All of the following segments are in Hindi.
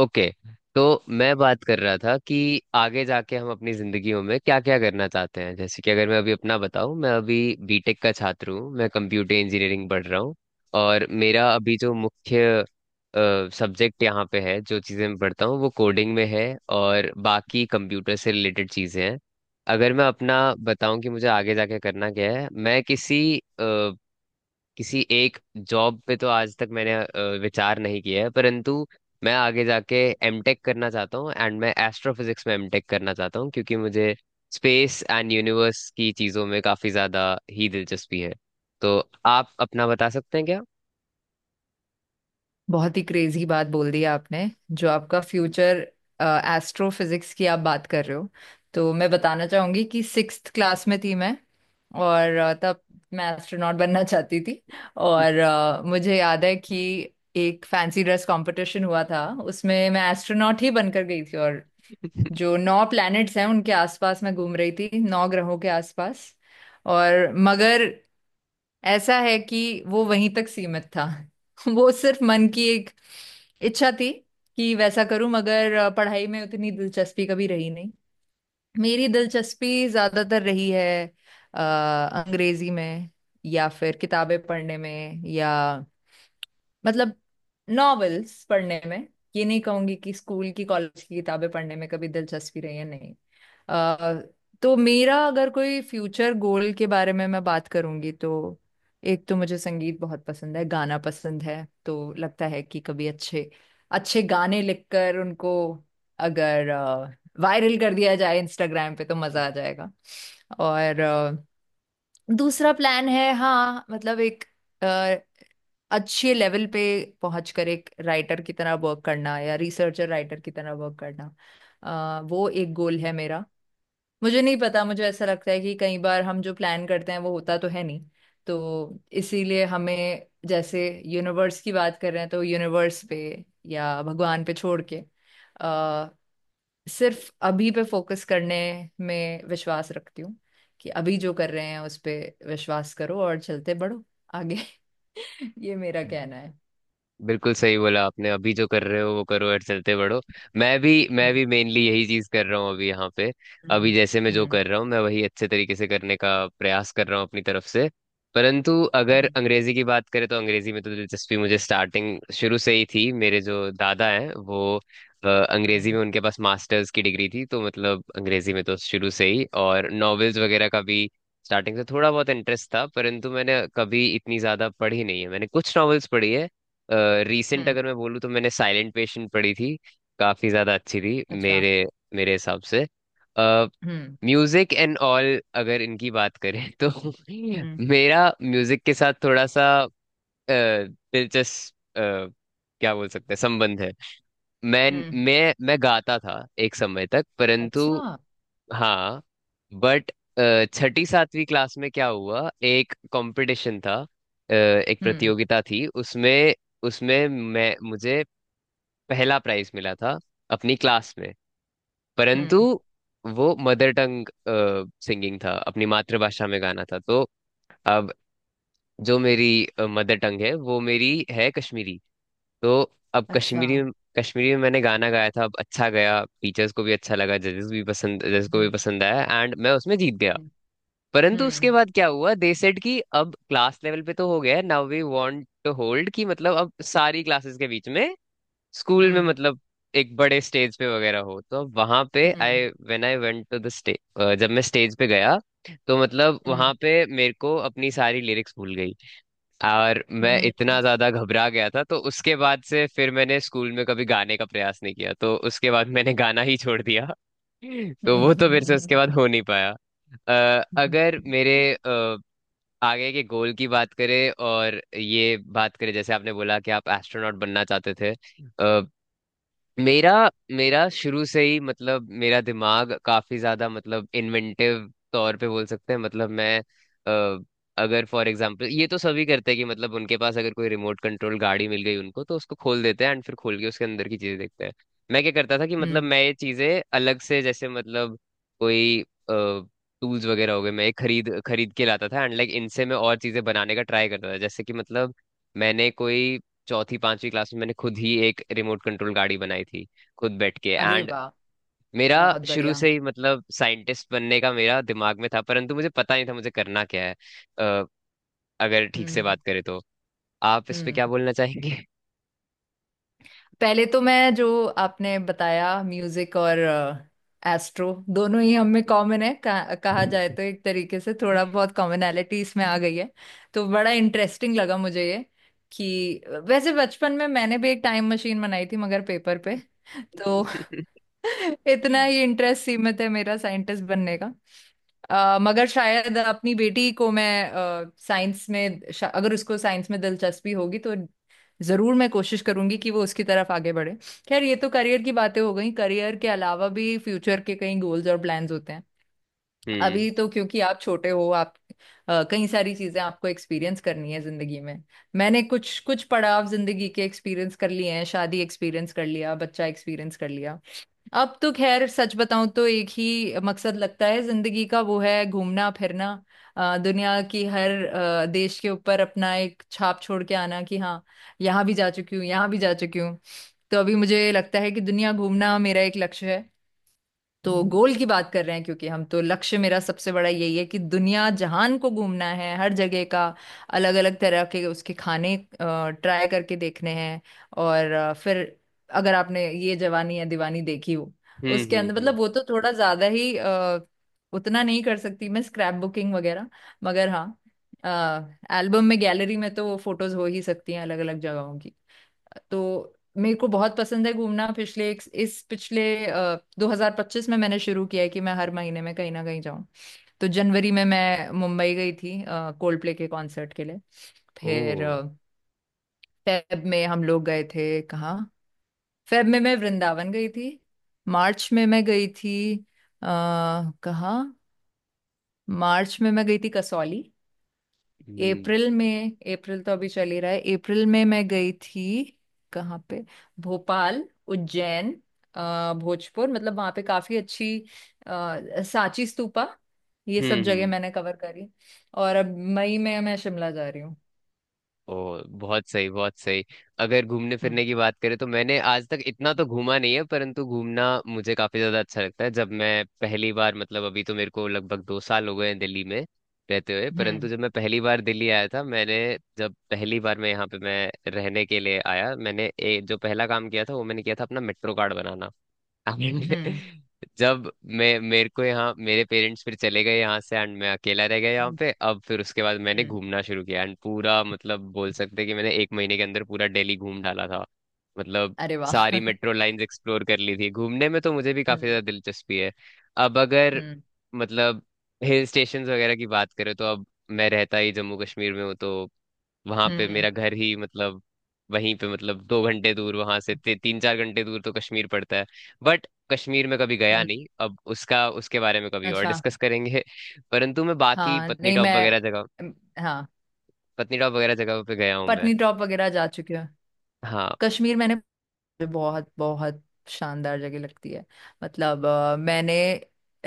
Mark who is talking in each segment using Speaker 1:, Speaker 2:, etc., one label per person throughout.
Speaker 1: ओके। तो मैं बात कर रहा था कि आगे जाके हम अपनी जिंदगियों में क्या क्या करना चाहते हैं। जैसे कि अगर मैं अभी अपना बताऊं, मैं अभी बीटेक का छात्र हूं, मैं कंप्यूटर इंजीनियरिंग पढ़ रहा हूं। और मेरा अभी जो मुख्य सब्जेक्ट यहाँ पे है, जो चीज़ें मैं पढ़ता हूँ वो कोडिंग में है और बाकी कंप्यूटर से रिलेटेड चीज़ें हैं। अगर मैं अपना बताऊं कि मुझे आगे जाके करना क्या है, मैं किसी किसी एक जॉब पे तो आज तक मैंने विचार नहीं किया है। परंतु मैं आगे जाके एमटेक करना चाहता हूँ, एंड मैं एस्ट्रोफिजिक्स में एमटेक करना चाहता हूँ, क्योंकि मुझे स्पेस एंड यूनिवर्स की चीज़ों में काफ़ी ज़्यादा ही दिलचस्पी है। तो आप अपना बता सकते हैं क्या?
Speaker 2: बहुत ही क्रेजी बात बोल दी आपने। जो आपका फ्यूचर एस्ट्रोफिजिक्स की आप बात कर रहे हो, तो मैं बताना चाहूंगी कि सिक्स्थ क्लास में थी मैं। और तब मैं एस्ट्रोनॉट बनना चाहती थी। और मुझे याद है कि एक फैंसी ड्रेस कंपटीशन हुआ था, उसमें मैं एस्ट्रोनॉट ही बनकर गई थी। और जो नौ प्लैनेट्स हैं उनके आसपास मैं घूम रही थी, नौ ग्रहों के आसपास। और मगर ऐसा है कि वो वहीं तक सीमित था। वो सिर्फ मन की एक इच्छा थी कि वैसा करूं। मगर पढ़ाई में उतनी दिलचस्पी कभी रही नहीं। मेरी दिलचस्पी ज्यादातर रही है अ, अंग्रेजी में, या फिर किताबें पढ़ने में, या मतलब नॉवेल्स पढ़ने में। ये नहीं कहूंगी कि स्कूल की कॉलेज की किताबें पढ़ने में कभी दिलचस्पी रही है, नहीं। आ, तो मेरा, अगर कोई फ्यूचर गोल के बारे में मैं बात करूंगी, तो एक तो मुझे संगीत बहुत पसंद है, गाना पसंद है। तो लगता है कि कभी अच्छे अच्छे गाने लिखकर उनको अगर वायरल कर दिया जाए इंस्टाग्राम पे, तो मजा आ जाएगा। और दूसरा प्लान है, हाँ मतलब, एक अच्छे लेवल पे पहुंच कर एक राइटर की तरह वर्क करना, या रिसर्चर राइटर की तरह वर्क करना। वो एक गोल है मेरा। मुझे नहीं पता, मुझे ऐसा लगता है कि कई बार हम जो प्लान करते हैं वो होता तो है नहीं। तो इसीलिए हमें, जैसे यूनिवर्स की बात कर रहे हैं तो यूनिवर्स पे या भगवान पे छोड़ के अ, सिर्फ अभी पे फोकस करने में विश्वास रखती हूँ। कि अभी जो कर रहे हैं उस पे विश्वास करो, और चलते बढ़ो आगे। ये मेरा कहना है।
Speaker 1: बिल्कुल सही बोला आपने, अभी जो कर रहे हो वो करो और चलते बढ़ो। मैं भी मैं
Speaker 2: हम्म।
Speaker 1: भी मेनली यही चीज कर रहा हूँ अभी यहाँ पे। अभी
Speaker 2: हम्म।
Speaker 1: जैसे मैं जो
Speaker 2: हम्म।
Speaker 1: कर रहा हूँ, मैं वही अच्छे तरीके से करने का प्रयास कर रहा हूँ अपनी तरफ से। परंतु अगर अंग्रेजी की बात करें, तो अंग्रेजी में तो दिलचस्पी मुझे स्टार्टिंग शुरू से ही थी। मेरे जो दादा हैं वो
Speaker 2: हम्म।
Speaker 1: अंग्रेजी में उनके पास मास्टर्स की डिग्री थी, तो मतलब अंग्रेजी में तो शुरू से ही, और नॉवेल्स वगैरह का भी स्टार्टिंग से थोड़ा बहुत इंटरेस्ट था। परंतु मैंने कभी इतनी ज्यादा पढ़ी नहीं है, मैंने कुछ नॉवेल्स पढ़ी है। रीसेंट
Speaker 2: हम्म,
Speaker 1: अगर मैं बोलूँ, तो मैंने साइलेंट पेशेंट पढ़ी थी। काफी ज्यादा अच्छी थी
Speaker 2: अच्छा।
Speaker 1: मेरे मेरे हिसाब से।
Speaker 2: हम्म।
Speaker 1: म्यूजिक एंड ऑल अगर इनकी बात करें तो
Speaker 2: हम्म।
Speaker 1: मेरा म्यूजिक के साथ थोड़ा सा दिलचस्प, क्या बोल सकते हैं, संबंध है। मैं
Speaker 2: हम्म।
Speaker 1: मैं गाता था एक समय तक, परंतु
Speaker 2: अच्छा।
Speaker 1: हाँ। बट छठी सातवीं क्लास में क्या हुआ, एक कंपटीशन था, एक
Speaker 2: हम्म।
Speaker 1: प्रतियोगिता थी। उसमें उसमें मैं मुझे पहला प्राइज मिला था अपनी क्लास में। परंतु
Speaker 2: हम्म।
Speaker 1: वो मदर टंग सिंगिंग था, अपनी मातृभाषा में गाना था। तो अब जो मेरी मदर टंग है वो मेरी है कश्मीरी। तो अब
Speaker 2: अच्छा।
Speaker 1: कश्मीरी कश्मीरी में मैंने गाना गाया था। अब अच्छा गया, टीचर्स को भी अच्छा लगा, जजेस को भी
Speaker 2: हम्म।
Speaker 1: पसंद आया, एंड मैं उसमें जीत गया।
Speaker 2: हम्म।
Speaker 1: परंतु उसके
Speaker 2: हम्म।
Speaker 1: बाद क्या हुआ, दे सेड कि अब क्लास लेवल पे तो हो गया है, now we want to hold, कि मतलब अब सारी क्लासेस के बीच में, स्कूल में
Speaker 2: हम्म।
Speaker 1: मतलब, एक बड़े स्टेज पे वगैरह हो। तो अब वहां पे
Speaker 2: हम्म।
Speaker 1: I when I went to the stage, जब मैं स्टेज पे गया, तो मतलब वहां पे मेरे को अपनी सारी लिरिक्स भूल गई। और मैं
Speaker 2: हम्म।
Speaker 1: इतना ज्यादा घबरा गया था, तो उसके बाद से फिर मैंने स्कूल में कभी गाने का प्रयास नहीं किया, तो उसके बाद मैंने गाना ही छोड़ दिया। तो वो तो मेरे से
Speaker 2: हम्म।
Speaker 1: उसके बाद हो नहीं पाया।
Speaker 2: हम्म,
Speaker 1: अगर आगे के गोल की बात करें, और ये बात करें जैसे आपने बोला कि आप एस्ट्रोनॉट बनना चाहते थे, मेरा मेरा शुरू से ही, मतलब मेरा दिमाग काफी ज्यादा, मतलब इन्वेंटिव तौर पे बोल सकते हैं। मतलब मैं अ, अगर फॉर एग्जांपल, ये तो सभी करते हैं कि मतलब उनके पास अगर कोई रिमोट कंट्रोल गाड़ी मिल गई उनको, तो उसको खोल देते हैं एंड फिर खोल के उसके अंदर की चीजें देखते हैं। मैं क्या करता था कि मतलब
Speaker 2: हम्म,
Speaker 1: मैं ये चीजें अलग से, जैसे मतलब कोई टूल्स वगैरह हो गए, मैं ये खरीद खरीद के लाता था एंड लाइक इनसे मैं और चीजें बनाने का ट्राई करता था। जैसे कि मतलब मैंने कोई चौथी पांचवी क्लास में मैंने खुद ही एक रिमोट कंट्रोल गाड़ी बनाई थी, खुद बैठ के।
Speaker 2: अरे
Speaker 1: एंड
Speaker 2: वाह।
Speaker 1: मेरा
Speaker 2: बहुत
Speaker 1: शुरू
Speaker 2: बढ़िया।
Speaker 1: से ही मतलब साइंटिस्ट बनने का मेरा दिमाग में था, परंतु मुझे पता नहीं था मुझे करना क्या है। अ, अगर ठीक से
Speaker 2: हम्म।
Speaker 1: बात करें तो आप इस पे
Speaker 2: हम्म।
Speaker 1: क्या बोलना चाहेंगे?
Speaker 2: पहले तो मैं, जो आपने बताया, म्यूजिक और एस्ट्रो दोनों ही हम में कॉमन है, कहा जाए तो एक तरीके से थोड़ा बहुत कॉमनैलिटी इसमें आ गई है। तो बड़ा इंटरेस्टिंग लगा मुझे ये। कि वैसे बचपन में मैंने भी एक टाइम मशीन बनाई थी, मगर पेपर पे। तो इतना ही इंटरेस्ट सीमित है मेरा साइंटिस्ट बनने का। मगर शायद अपनी बेटी को मैं साइंस में, अगर उसको साइंस में दिलचस्पी होगी तो जरूर मैं कोशिश करूंगी कि वो उसकी तरफ आगे बढ़े। खैर, ये तो करियर की बातें हो गई। करियर के अलावा भी फ्यूचर के कई गोल्स और प्लान्स होते हैं।
Speaker 1: हम्म।
Speaker 2: अभी तो क्योंकि आप छोटे हो, आप कई सारी चीजें आपको एक्सपीरियंस करनी है जिंदगी में। मैंने कुछ कुछ पड़ाव जिंदगी के एक्सपीरियंस कर लिए हैं, शादी एक्सपीरियंस कर लिया, बच्चा एक्सपीरियंस कर लिया। अब तो खैर सच बताऊं तो एक ही मकसद लगता है जिंदगी का, वो है घूमना फिरना। दुनिया की हर देश के ऊपर अपना एक छाप छोड़ के आना कि हाँ, यहाँ भी जा चुकी हूँ, यहाँ भी जा चुकी हूँ। तो अभी मुझे लगता है कि दुनिया घूमना मेरा एक लक्ष्य है। तो गोल की बात कर रहे हैं क्योंकि हम, तो लक्ष्य मेरा सबसे बड़ा यही है कि दुनिया जहान को घूमना है, हर जगह का अलग अलग तरह के उसके खाने ट्राई करके देखने हैं। और फिर, अगर आपने ये जवानी या दीवानी देखी हो,
Speaker 1: हम्म।
Speaker 2: उसके
Speaker 1: हम्म।
Speaker 2: अंदर,
Speaker 1: हम्म।
Speaker 2: मतलब वो तो थोड़ा ज्यादा ही उतना नहीं कर सकती मैं, स्क्रैप बुकिंग वगैरह। मगर हाँ, एल्बम में, गैलरी में तो वो फोटोज हो ही सकती हैं अलग अलग जगहों। तो मेरे को बहुत पसंद है घूमना। पिछले इस पिछले 2025 में मैंने शुरू किया है कि मैं हर महीने में कहीं ना कहीं जाऊं। तो जनवरी में मैं मुंबई गई थी, कोल्ड प्ले के कॉन्सर्ट के लिए।
Speaker 1: ओ।
Speaker 2: फिर फेब में हम लोग गए थे कहाँ? फेब में मैं वृंदावन गई थी। मार्च में मैं गई थी, कहाँ? मार्च में मैं गई थी कसौली।
Speaker 1: हम्म।
Speaker 2: अप्रैल में, अप्रैल तो अभी चल ही रहा है, अप्रैल में मैं गई थी, कहाँ पे? भोपाल, उज्जैन, भोजपुर, मतलब वहाँ पे काफी अच्छी सांची स्तूपा, ये सब जगह
Speaker 1: हम्म।
Speaker 2: मैंने कवर करी। और अब मई में मैं शिमला जा रही हूँ।
Speaker 1: ओ बहुत सही, बहुत सही। अगर घूमने
Speaker 2: हम्म।
Speaker 1: फिरने की बात करें, तो मैंने आज तक इतना तो घूमा नहीं है, परंतु घूमना मुझे काफी ज्यादा अच्छा लगता है। जब मैं पहली बार, मतलब अभी तो मेरे को लगभग 2 साल हो गए हैं दिल्ली में रहते हुए, परंतु
Speaker 2: हम्म।
Speaker 1: जब मैं पहली बार दिल्ली आया था, मैंने, जब पहली बार मैं यहाँ पे मैं रहने के लिए आया, मैंने जो पहला काम किया था वो मैंने किया था अपना मेट्रो कार्ड बनाना। हमने
Speaker 2: हम्म।
Speaker 1: जब मैं मेरे को यहाँ मेरे पेरेंट्स फिर चले गए यहाँ से, एंड मैं अकेला रह गया यहाँ
Speaker 2: हम्म।
Speaker 1: पे। अब फिर उसके बाद मैंने
Speaker 2: हम्म।
Speaker 1: घूमना शुरू किया, एंड पूरा मतलब बोल सकते हैं कि मैंने 1 महीने के अंदर पूरा दिल्ली घूम डाला था। मतलब
Speaker 2: अरे वाह।
Speaker 1: सारी मेट्रो लाइंस एक्सप्लोर कर ली थी। घूमने में तो मुझे भी काफी
Speaker 2: हम्म।
Speaker 1: ज्यादा दिलचस्पी है। अब अगर
Speaker 2: हम्म।
Speaker 1: मतलब हिल स्टेशंस वगैरह की बात करें, तो अब मैं रहता ही जम्मू कश्मीर में हूँ, तो वहां पे
Speaker 2: हम्म।
Speaker 1: मेरा घर ही मतलब वहीं पे, मतलब 2 घंटे दूर, वहां से 3 4 घंटे दूर तो कश्मीर पड़ता है। बट कश्मीर में कभी गया
Speaker 2: हम्म।
Speaker 1: नहीं। अब उसका उसके बारे में कभी और
Speaker 2: अच्छा।
Speaker 1: डिस्कस करेंगे। परंतु मैं बाकी
Speaker 2: हाँ, नहीं मैं, हाँ।
Speaker 1: पत्नीटॉप वगैरह जगह पे गया हूँ मैं।
Speaker 2: पत्नी टॉप वगैरह जा चुकी हूँ।
Speaker 1: हाँ
Speaker 2: कश्मीर मैंने, मुझे बहुत बहुत शानदार जगह लगती है। मतलब मैंने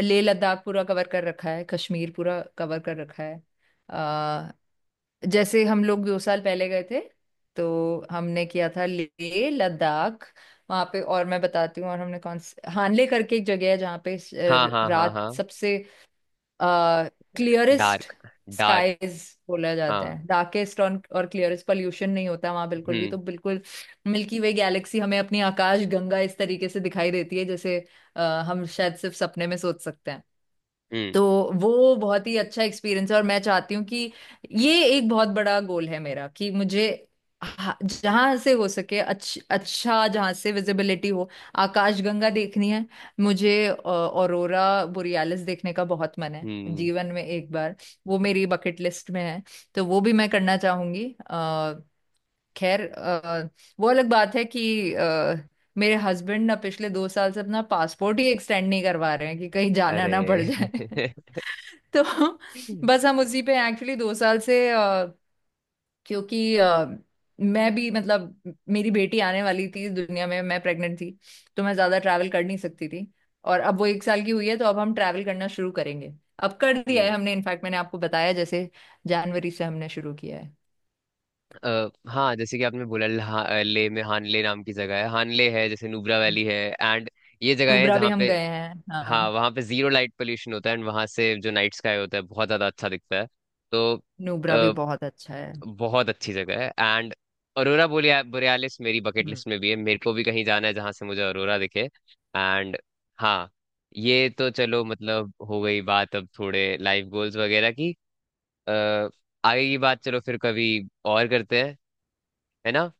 Speaker 2: लेह लद्दाख पूरा कवर कर रखा है, कश्मीर पूरा कवर कर रखा है। अ, जैसे हम लोग 2 साल पहले गए थे, तो हमने किया था लेह लद्दाख। वहाँ पे, और मैं बताती हूँ, और हमने कौन से हानले करके एक जगह है जहाँ पे
Speaker 1: हाँ हाँ हाँ
Speaker 2: रात
Speaker 1: हाँ।
Speaker 2: सबसे क्लियरेस्ट
Speaker 1: डार्क। डार्क।
Speaker 2: स्काईज बोला जाता
Speaker 1: हाँ।
Speaker 2: है, डार्केस्ट और क्लियरेस्ट। पोल्यूशन नहीं होता वहां बिल्कुल भी,
Speaker 1: हम्म।
Speaker 2: तो बिल्कुल मिल्की वे गैलेक्सी, हमें अपनी आकाश गंगा इस तरीके से दिखाई देती है, जैसे अ, हम शायद सिर्फ सपने में सोच सकते हैं।
Speaker 1: हम्म।
Speaker 2: तो वो बहुत ही अच्छा एक्सपीरियंस है। और मैं चाहती हूँ कि, ये एक बहुत बड़ा गोल है मेरा, कि मुझे जहाँ से हो सके अच्छा जहाँ से विजिबिलिटी हो, आकाशगंगा देखनी है। मुझे ऑरोरा बोरियालिस देखने का बहुत मन है,
Speaker 1: हम्म।
Speaker 2: जीवन में एक बार। वो मेरी बकेट लिस्ट में है, तो वो भी मैं करना चाहूंगी। खैर वो अलग बात है कि मेरे हस्बैंड ना पिछले 2 साल से अपना पासपोर्ट ही एक्सटेंड नहीं करवा रहे हैं, कि कहीं जाना ना पड़
Speaker 1: अरे!
Speaker 2: जाए। तो बस हम उसी पे एक्चुअली 2 साल से, क्योंकि मैं भी, मतलब मेरी बेटी आने वाली थी इस दुनिया में, मैं प्रेग्नेंट थी। तो मैं ज्यादा ट्रैवल कर नहीं सकती थी। और अब वो 1 साल की हुई है, तो अब हम ट्रैवल करना शुरू करेंगे। अब कर दिया है
Speaker 1: हम्म।
Speaker 2: हमने, इनफैक्ट मैंने आपको बताया जैसे, जनवरी से हमने शुरू किया है।
Speaker 1: हाँ जैसे कि आपने बोला ले में हानले नाम की जगह है, हानले है, जैसे नुब्रा वैली है एंड ये जगह है
Speaker 2: नुब्रा भी
Speaker 1: जहाँ
Speaker 2: हम
Speaker 1: पे,
Speaker 2: गए हैं,
Speaker 1: हाँ
Speaker 2: हाँ।
Speaker 1: वहाँ पे जीरो लाइट पोल्यूशन होता है एंड वहाँ से जो नाइट स्काई होता है बहुत ज्यादा अच्छा दिखता है। तो
Speaker 2: नुब्रा भी बहुत अच्छा है।
Speaker 1: बहुत अच्छी जगह है। एंड अरोरा बोरिया बोरियालिस मेरी बकेट
Speaker 2: हम्म।
Speaker 1: लिस्ट में भी है, मेरे को भी कहीं जाना है जहां से मुझे अरोरा दिखे। एंड हाँ। ये तो चलो मतलब हो गई बात, अब थोड़े लाइफ गोल्स वगैरह की। अ, आगे की बात चलो फिर कभी और करते हैं, है ना।